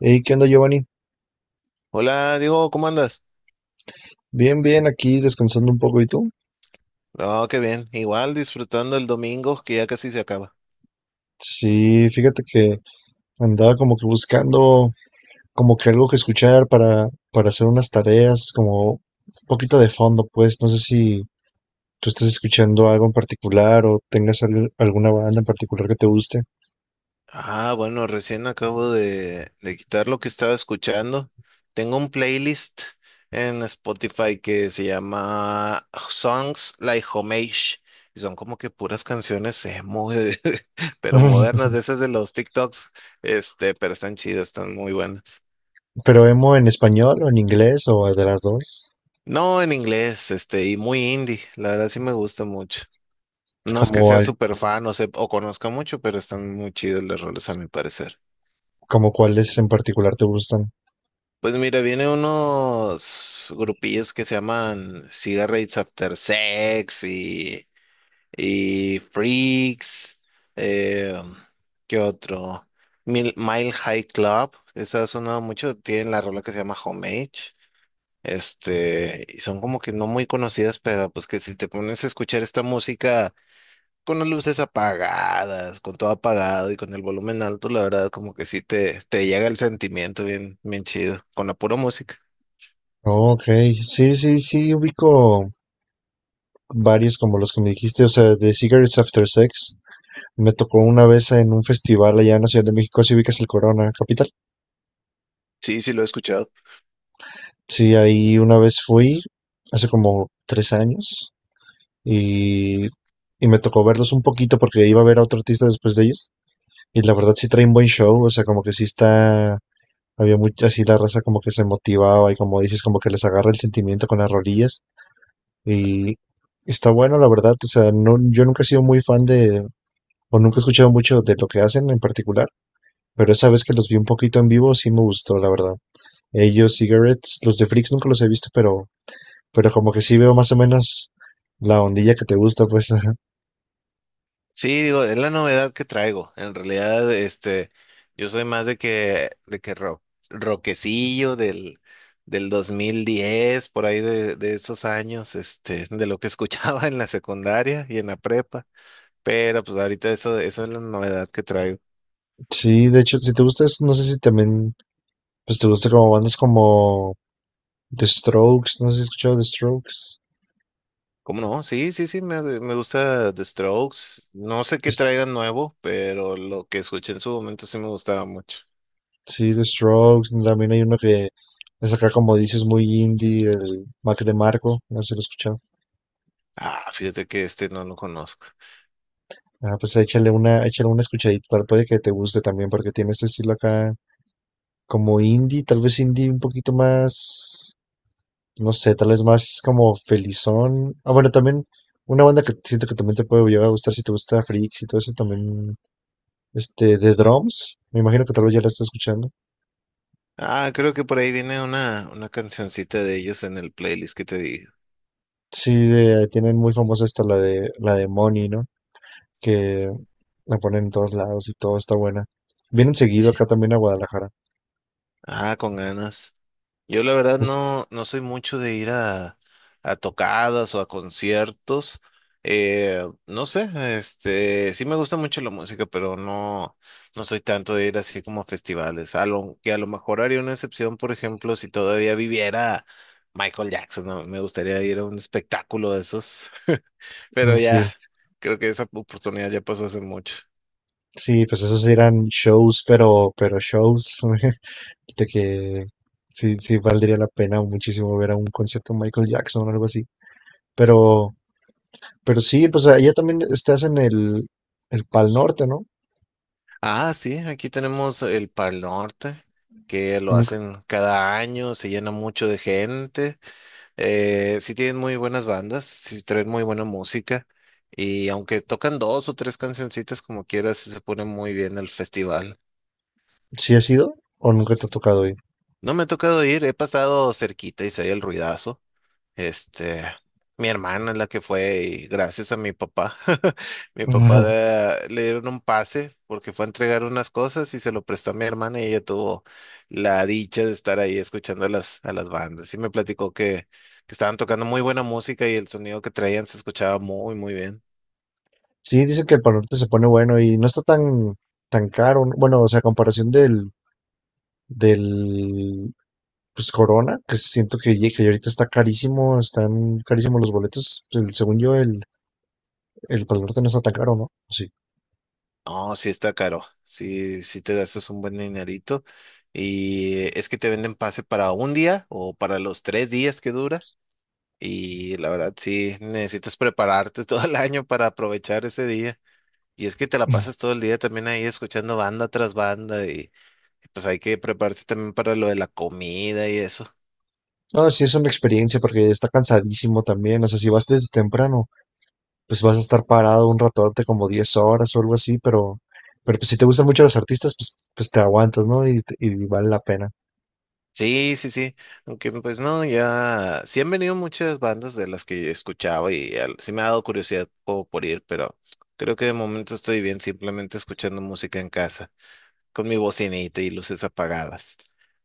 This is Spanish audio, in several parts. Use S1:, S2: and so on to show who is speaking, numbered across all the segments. S1: Hey, ¿qué onda, Giovanni?
S2: Hola, Diego, ¿cómo andas?
S1: Bien, bien, aquí descansando un poco. ¿Y tú?
S2: No, qué bien. Igual disfrutando el domingo que ya casi se acaba.
S1: Sí, fíjate que andaba como que buscando como que algo que escuchar para hacer unas tareas, como un poquito de fondo, pues. No sé si tú estás escuchando algo en particular o tengas alguna banda en particular que te guste.
S2: Ah, bueno, recién acabo de quitar lo que estaba escuchando. Tengo un playlist en Spotify que se llama Songs Like Homage. Y son como que puras canciones pero modernas, de esas de los TikToks. Pero están chidas, están muy buenas.
S1: ¿Pero emo en español o en inglés o de las dos?
S2: No, en inglés, y muy indie. La verdad sí me gusta mucho. No es que
S1: ¿Como,
S2: sea súper fan o o conozca mucho, pero están muy chidos los roles a mi parecer.
S1: como cuáles en particular te gustan?
S2: Pues mira, vienen unos grupillos que se llaman Cigarettes After Sex y Freaks. eh, ¿Qué otro? Mile High Club. Esa ha sonado mucho. Tienen la rola que se llama Homage. Y son como que no muy conocidas, pero pues que si te pones a escuchar esta música con las luces apagadas, con todo apagado y con el volumen alto, la verdad, como que sí te llega el sentimiento bien, bien chido, con la pura música.
S1: Ok, sí, sí, sí, ubico varios como los que me dijiste, o sea, de Cigarettes After Sex. Me tocó una vez en un festival allá en la Ciudad de México, si ubicas el Corona Capital.
S2: Sí, sí lo he escuchado.
S1: Sí, ahí una vez fui, hace como 3 años, y, y me tocó verlos un poquito porque iba a ver a otro artista después de ellos. Y la verdad sí trae un buen show, o sea, como que sí está, había mucha, así la raza como que se motivaba y como dices, como que les agarra el sentimiento con las rodillas y está bueno, la verdad, o sea, no, yo nunca he sido muy fan de, o nunca he escuchado mucho de lo que hacen en particular, pero esa vez que los vi un poquito en vivo sí me gustó, la verdad. Ellos, Cigarettes, los de Freaks nunca los he visto, pero como que sí veo más o menos la ondilla que te gusta, pues, ajá.
S2: Sí, digo, es la novedad que traigo. En realidad, yo soy más de que rock, rockecillo del 2010, por ahí de esos años, de lo que escuchaba en la secundaria y en la prepa. Pero pues ahorita eso es la novedad que traigo.
S1: Sí, de hecho, si te gusta, no sé si también, pues te gusta como bandas como The Strokes, no sé si has escuchado The Strokes.
S2: ¿Cómo no? Sí, sí, sí, me gusta The Strokes. No sé qué
S1: Es-
S2: traigan nuevo, pero lo que escuché en su momento sí me gustaba mucho.
S1: sí, The Strokes. También hay uno que es acá, como dices, muy indie, el Mac de Marco. No sé si lo has escuchado.
S2: Ah, fíjate que este no lo conozco.
S1: Ah, pues échale una escuchadita, tal puede que te guste también, porque tiene este estilo acá como indie, tal vez indie un poquito más, no sé, tal vez más como felizón. Ah, bueno, también una banda que siento que también te puede llegar a gustar si te gusta Freaks y todo eso también, este, The Drums. Me imagino que tal vez ya la estás escuchando.
S2: Ah, creo que por ahí viene una cancioncita de ellos en el playlist que te digo.
S1: Sí, tienen muy famosa esta la de Money, ¿no? Que la ponen en todos lados y todo está buena. Vienen seguido acá también a Guadalajara.
S2: Ah, con ganas. Yo la verdad
S1: Es-
S2: no, no soy mucho de ir a tocadas o a conciertos. No sé, sí me gusta mucho la música, pero no, no soy tanto de ir así como a festivales. A lo mejor haría una excepción, por ejemplo, si todavía viviera Michael Jackson, ¿no? Me gustaría ir a un espectáculo de esos, pero ya,
S1: sí,
S2: creo que esa oportunidad ya pasó hace mucho.
S1: sí, pues esos eran shows, pero shows de que sí, sí valdría la pena muchísimo ver a un concierto de Michael Jackson o algo así. Pero, pero sí, pues allá también estás en el Pal Norte, ¿no?
S2: Ah, sí, aquí tenemos el Pal Norte, que lo
S1: Nunca-
S2: hacen cada año, se llena mucho de gente. Sí tienen muy buenas bandas, sí traen muy buena música. Y aunque tocan dos o tres cancioncitas como quieras, sí se pone muy bien el festival.
S1: ¿Sí has ido o nunca te ha tocado ir?
S2: No me ha tocado ir, he pasado cerquita y se oye el ruidazo. Este, Mi hermana es la que fue y gracias a mi papá, le dieron un pase porque fue a entregar unas cosas y se lo prestó a mi hermana y ella tuvo la dicha de estar ahí escuchando a las bandas. Y me platicó que estaban tocando muy buena música y el sonido que traían se escuchaba muy, muy bien.
S1: Sí, dice que el Pal Norte se pone bueno y no está tan caro. ¿No? Bueno, o sea, a comparación del pues Corona, que siento que, que ahorita está carísimo, están carísimos los boletos. Según yo, el Pal Norte no está tan caro, ¿no? Sí.
S2: No, sí está caro, sí, sí te gastas un buen dinerito y es que te venden pase para un día o para los tres días que dura. Y la verdad, sí, necesitas prepararte todo el año para aprovechar ese día. Y es que te la pasas todo el día también ahí escuchando banda tras banda y pues hay que prepararse también para lo de la comida y eso.
S1: No, sí, es una experiencia porque está cansadísimo también. O sea, si vas desde temprano, pues vas a estar parado un ratote, como 10 horas o algo así, pero pues si te gustan mucho los artistas, pues, pues te aguantas, ¿no? Y, y vale la pena.
S2: Sí, sí, sí. Aunque pues no, ya sí han venido muchas bandas de las que sí me ha dado curiosidad como por ir, pero creo que de momento estoy bien simplemente escuchando música en casa con mi bocinita y luces apagadas.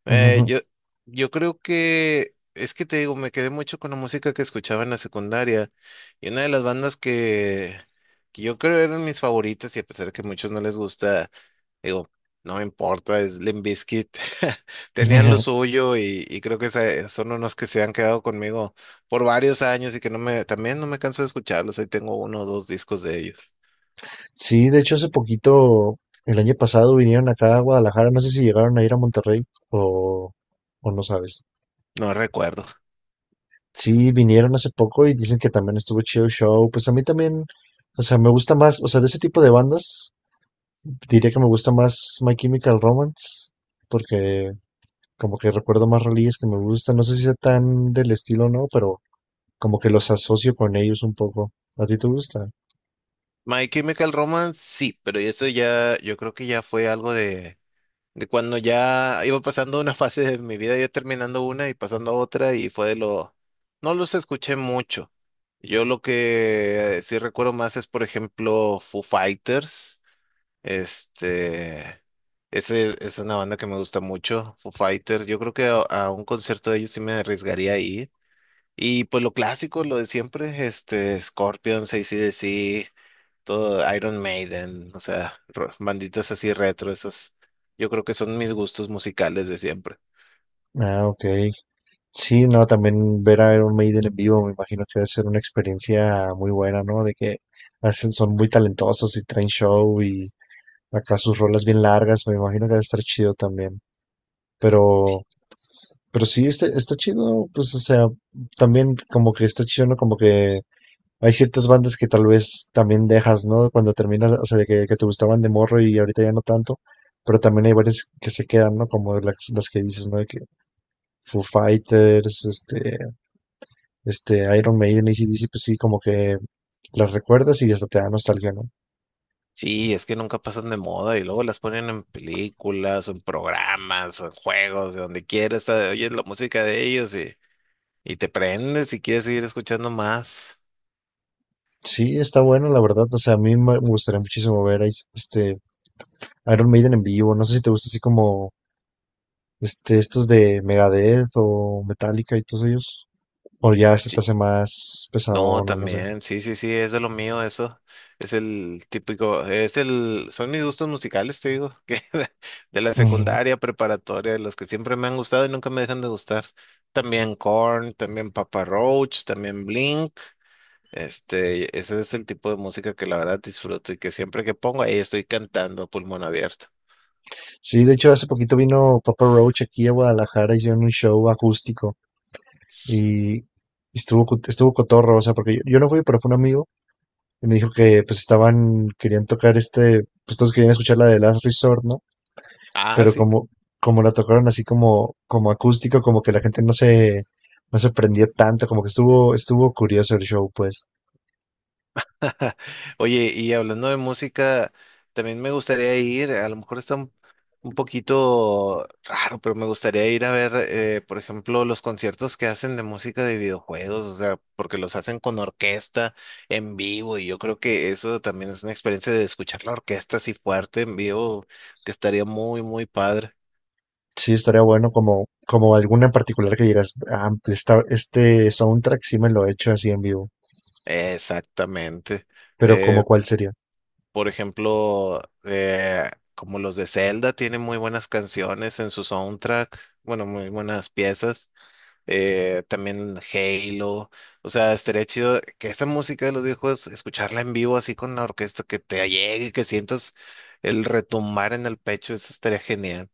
S2: Eh, yo, yo creo que, es que te digo, me quedé mucho con la música que escuchaba en la secundaria y una de las bandas que yo creo eran mis favoritas y a pesar de que a muchos no les gusta, digo, no me importa, es Limp Bizkit. Tenían lo suyo y creo que son unos que se han quedado conmigo por varios años y que no me canso de escucharlos. Ahí tengo uno o dos discos de ellos.
S1: Sí, de hecho hace poquito, el año pasado vinieron acá a Guadalajara, no sé si llegaron a ir a Monterrey o, o no sabes.
S2: No recuerdo.
S1: Sí, vinieron hace poco y dicen que también estuvo chido el show. Pues a mí también, o sea, me gusta más, o sea, de ese tipo de bandas, diría que me gusta más My Chemical Romance, porque como que recuerdo más rolillas que me gustan, no sé si sea tan del estilo o no, pero como que los asocio con ellos un poco. ¿A ti te gusta?
S2: My Chemical Romance, sí, pero eso ya, yo creo que ya fue algo de cuando ya iba pasando una fase de mi vida, ya terminando una y pasando a otra, y fue no los escuché mucho. Yo lo que sí recuerdo más es, por ejemplo, Foo Fighters, este, ese es una banda que me gusta mucho, Foo Fighters, yo creo que a un concierto de ellos sí me arriesgaría a ir. Y pues lo clásico, lo de siempre, Scorpions, ac todo Iron Maiden, o sea, banditas así retro, esas, yo creo que son mis gustos musicales de siempre.
S1: Ah, ok. Sí, no, también ver a Iron Maiden en vivo, me imagino que debe ser una experiencia muy buena, ¿no? De que hacen, son muy talentosos y traen show y acá sus rolas bien largas, me imagino que debe estar chido también. Pero, pero sí, este, está chido, pues, o sea, también como que está chido, ¿no? Como que hay ciertas bandas que tal vez también dejas, ¿no? Cuando terminas, o sea, de que te gustaban de morro y ahorita ya no tanto. Pero también hay varias que se quedan, ¿no? Como las que dices, ¿no? De que Foo Fighters, Iron Maiden y AC/DC pues sí, como que las recuerdas y hasta te da nostalgia, ¿no?
S2: Sí, es que nunca pasan de moda y luego las ponen en películas, o en programas, o en juegos, de donde quieras, ah, oyes la música de ellos y te prendes y quieres seguir escuchando más.
S1: Sí, está bueno, la verdad. O sea, a mí me gustaría muchísimo ver a Iron Maiden en vivo. No sé si te gusta así como este, estos de Megadeth o Metallica y todos ellos. O ya este te
S2: Sí,
S1: hace más
S2: no,
S1: pesadón o no sé.
S2: también, sí, sí, sí, eso es de lo mío, eso. Es el típico, son mis gustos musicales, te digo, que de la
S1: Ujú.
S2: secundaria, preparatoria, los que siempre me han gustado y nunca me dejan de gustar. También Korn, también Papa Roach, también Blink. Ese es el tipo de música que la verdad disfruto y que siempre que pongo ahí estoy cantando a pulmón abierto.
S1: Sí, de hecho, hace poquito vino Papa Roach aquí a Guadalajara, hicieron un show acústico y estuvo cotorro, o sea, porque yo no fui, pero fue un amigo y me dijo que pues estaban, querían tocar este, pues todos querían escuchar la de Last Resort, ¿no?
S2: Ah,
S1: Pero
S2: sí.
S1: como, como la tocaron así como, como acústico, como que la gente no se prendió tanto, como que estuvo curioso el show, pues.
S2: Ja, oye, y hablando de música, también me gustaría ir, a lo mejor está un poquito raro, pero me gustaría ir a ver, por ejemplo, los conciertos que hacen de música de videojuegos, o sea, porque los hacen con orquesta en vivo, y yo creo que eso también es una experiencia de escuchar la orquesta así fuerte en vivo, que estaría muy, muy padre.
S1: Sí, estaría bueno como, como alguna en particular que dirás, ah, este soundtrack sí me lo he hecho así en vivo,
S2: Exactamente.
S1: pero como
S2: Eh,
S1: cuál sería.
S2: Por ejemplo, como los de Zelda tienen muy buenas canciones en su soundtrack, bueno, muy buenas piezas. También Halo, o sea, estaría chido que esa música de los viejos, escucharla en vivo así con la orquesta, que te llegue, que sientas el retumbar en el pecho, eso estaría genial.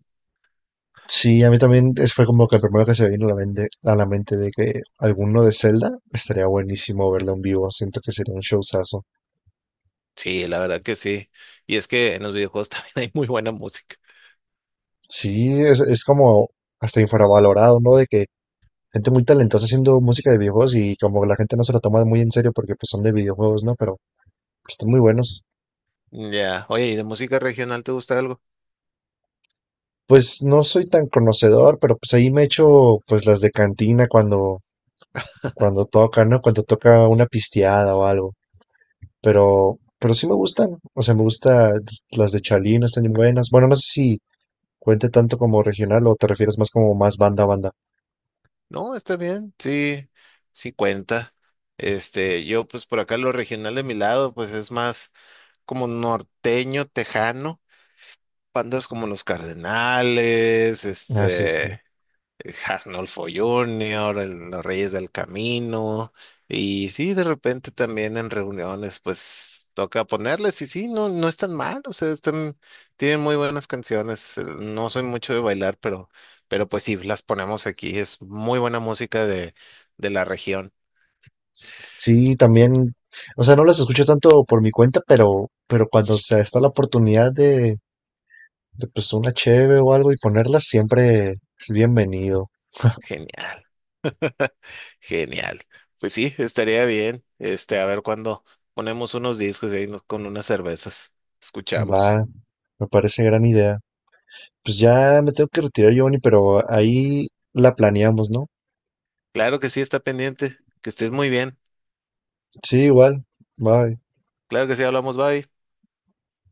S1: Sí, a mí también fue como que el primero que se me vino a la mente de que alguno de Zelda estaría buenísimo verlo en vivo. Siento que sería un showzazo.
S2: Sí, la verdad que sí. Y es que en los videojuegos también hay muy buena música.
S1: Sí, es como hasta infravalorado, ¿no? De que gente muy talentosa haciendo música de videojuegos y como la gente no se lo toma muy en serio porque pues son de videojuegos, ¿no? Pero pues, están muy buenos.
S2: Ya, oye, ¿y de música regional te gusta algo?
S1: Pues no soy tan conocedor, pero pues ahí me echo pues las de cantina cuando toca, ¿no? Cuando toca una pisteada o algo. Pero pero sí me gustan. O sea, me gusta las de Chalino, están bien buenas. Bueno, no sé si cuente tanto como regional o te refieres más como más banda a banda.
S2: No, está bien, sí, sí cuenta. Yo pues por acá lo regional de mi lado, pues es más como norteño, tejano, bandas como los Cardenales,
S1: Ah, sí, sí.
S2: este. Arnolfo Junior, los Reyes del Camino, y sí, de repente también en reuniones, pues toca ponerles, y sí, no, no están mal, o sea, están, tienen muy buenas canciones, no soy mucho de bailar, pero pues sí, las ponemos aquí, es muy buena música de la región,
S1: Sí, también, o sea, no las escucho tanto por mi cuenta, pero cuando se está la oportunidad de pues una cheve o algo y ponerlas, siempre es bienvenido.
S2: genial, genial, pues sí, estaría bien, a ver cuándo ponemos unos discos y con unas cervezas,
S1: Va,
S2: escuchamos,
S1: me parece gran idea. Pues ya me tengo que retirar, Giovanni, pero ahí la planeamos, ¿no?
S2: claro que sí, está pendiente, que estés muy bien.
S1: Sí, igual. Bye.
S2: Claro que sí, hablamos, bye.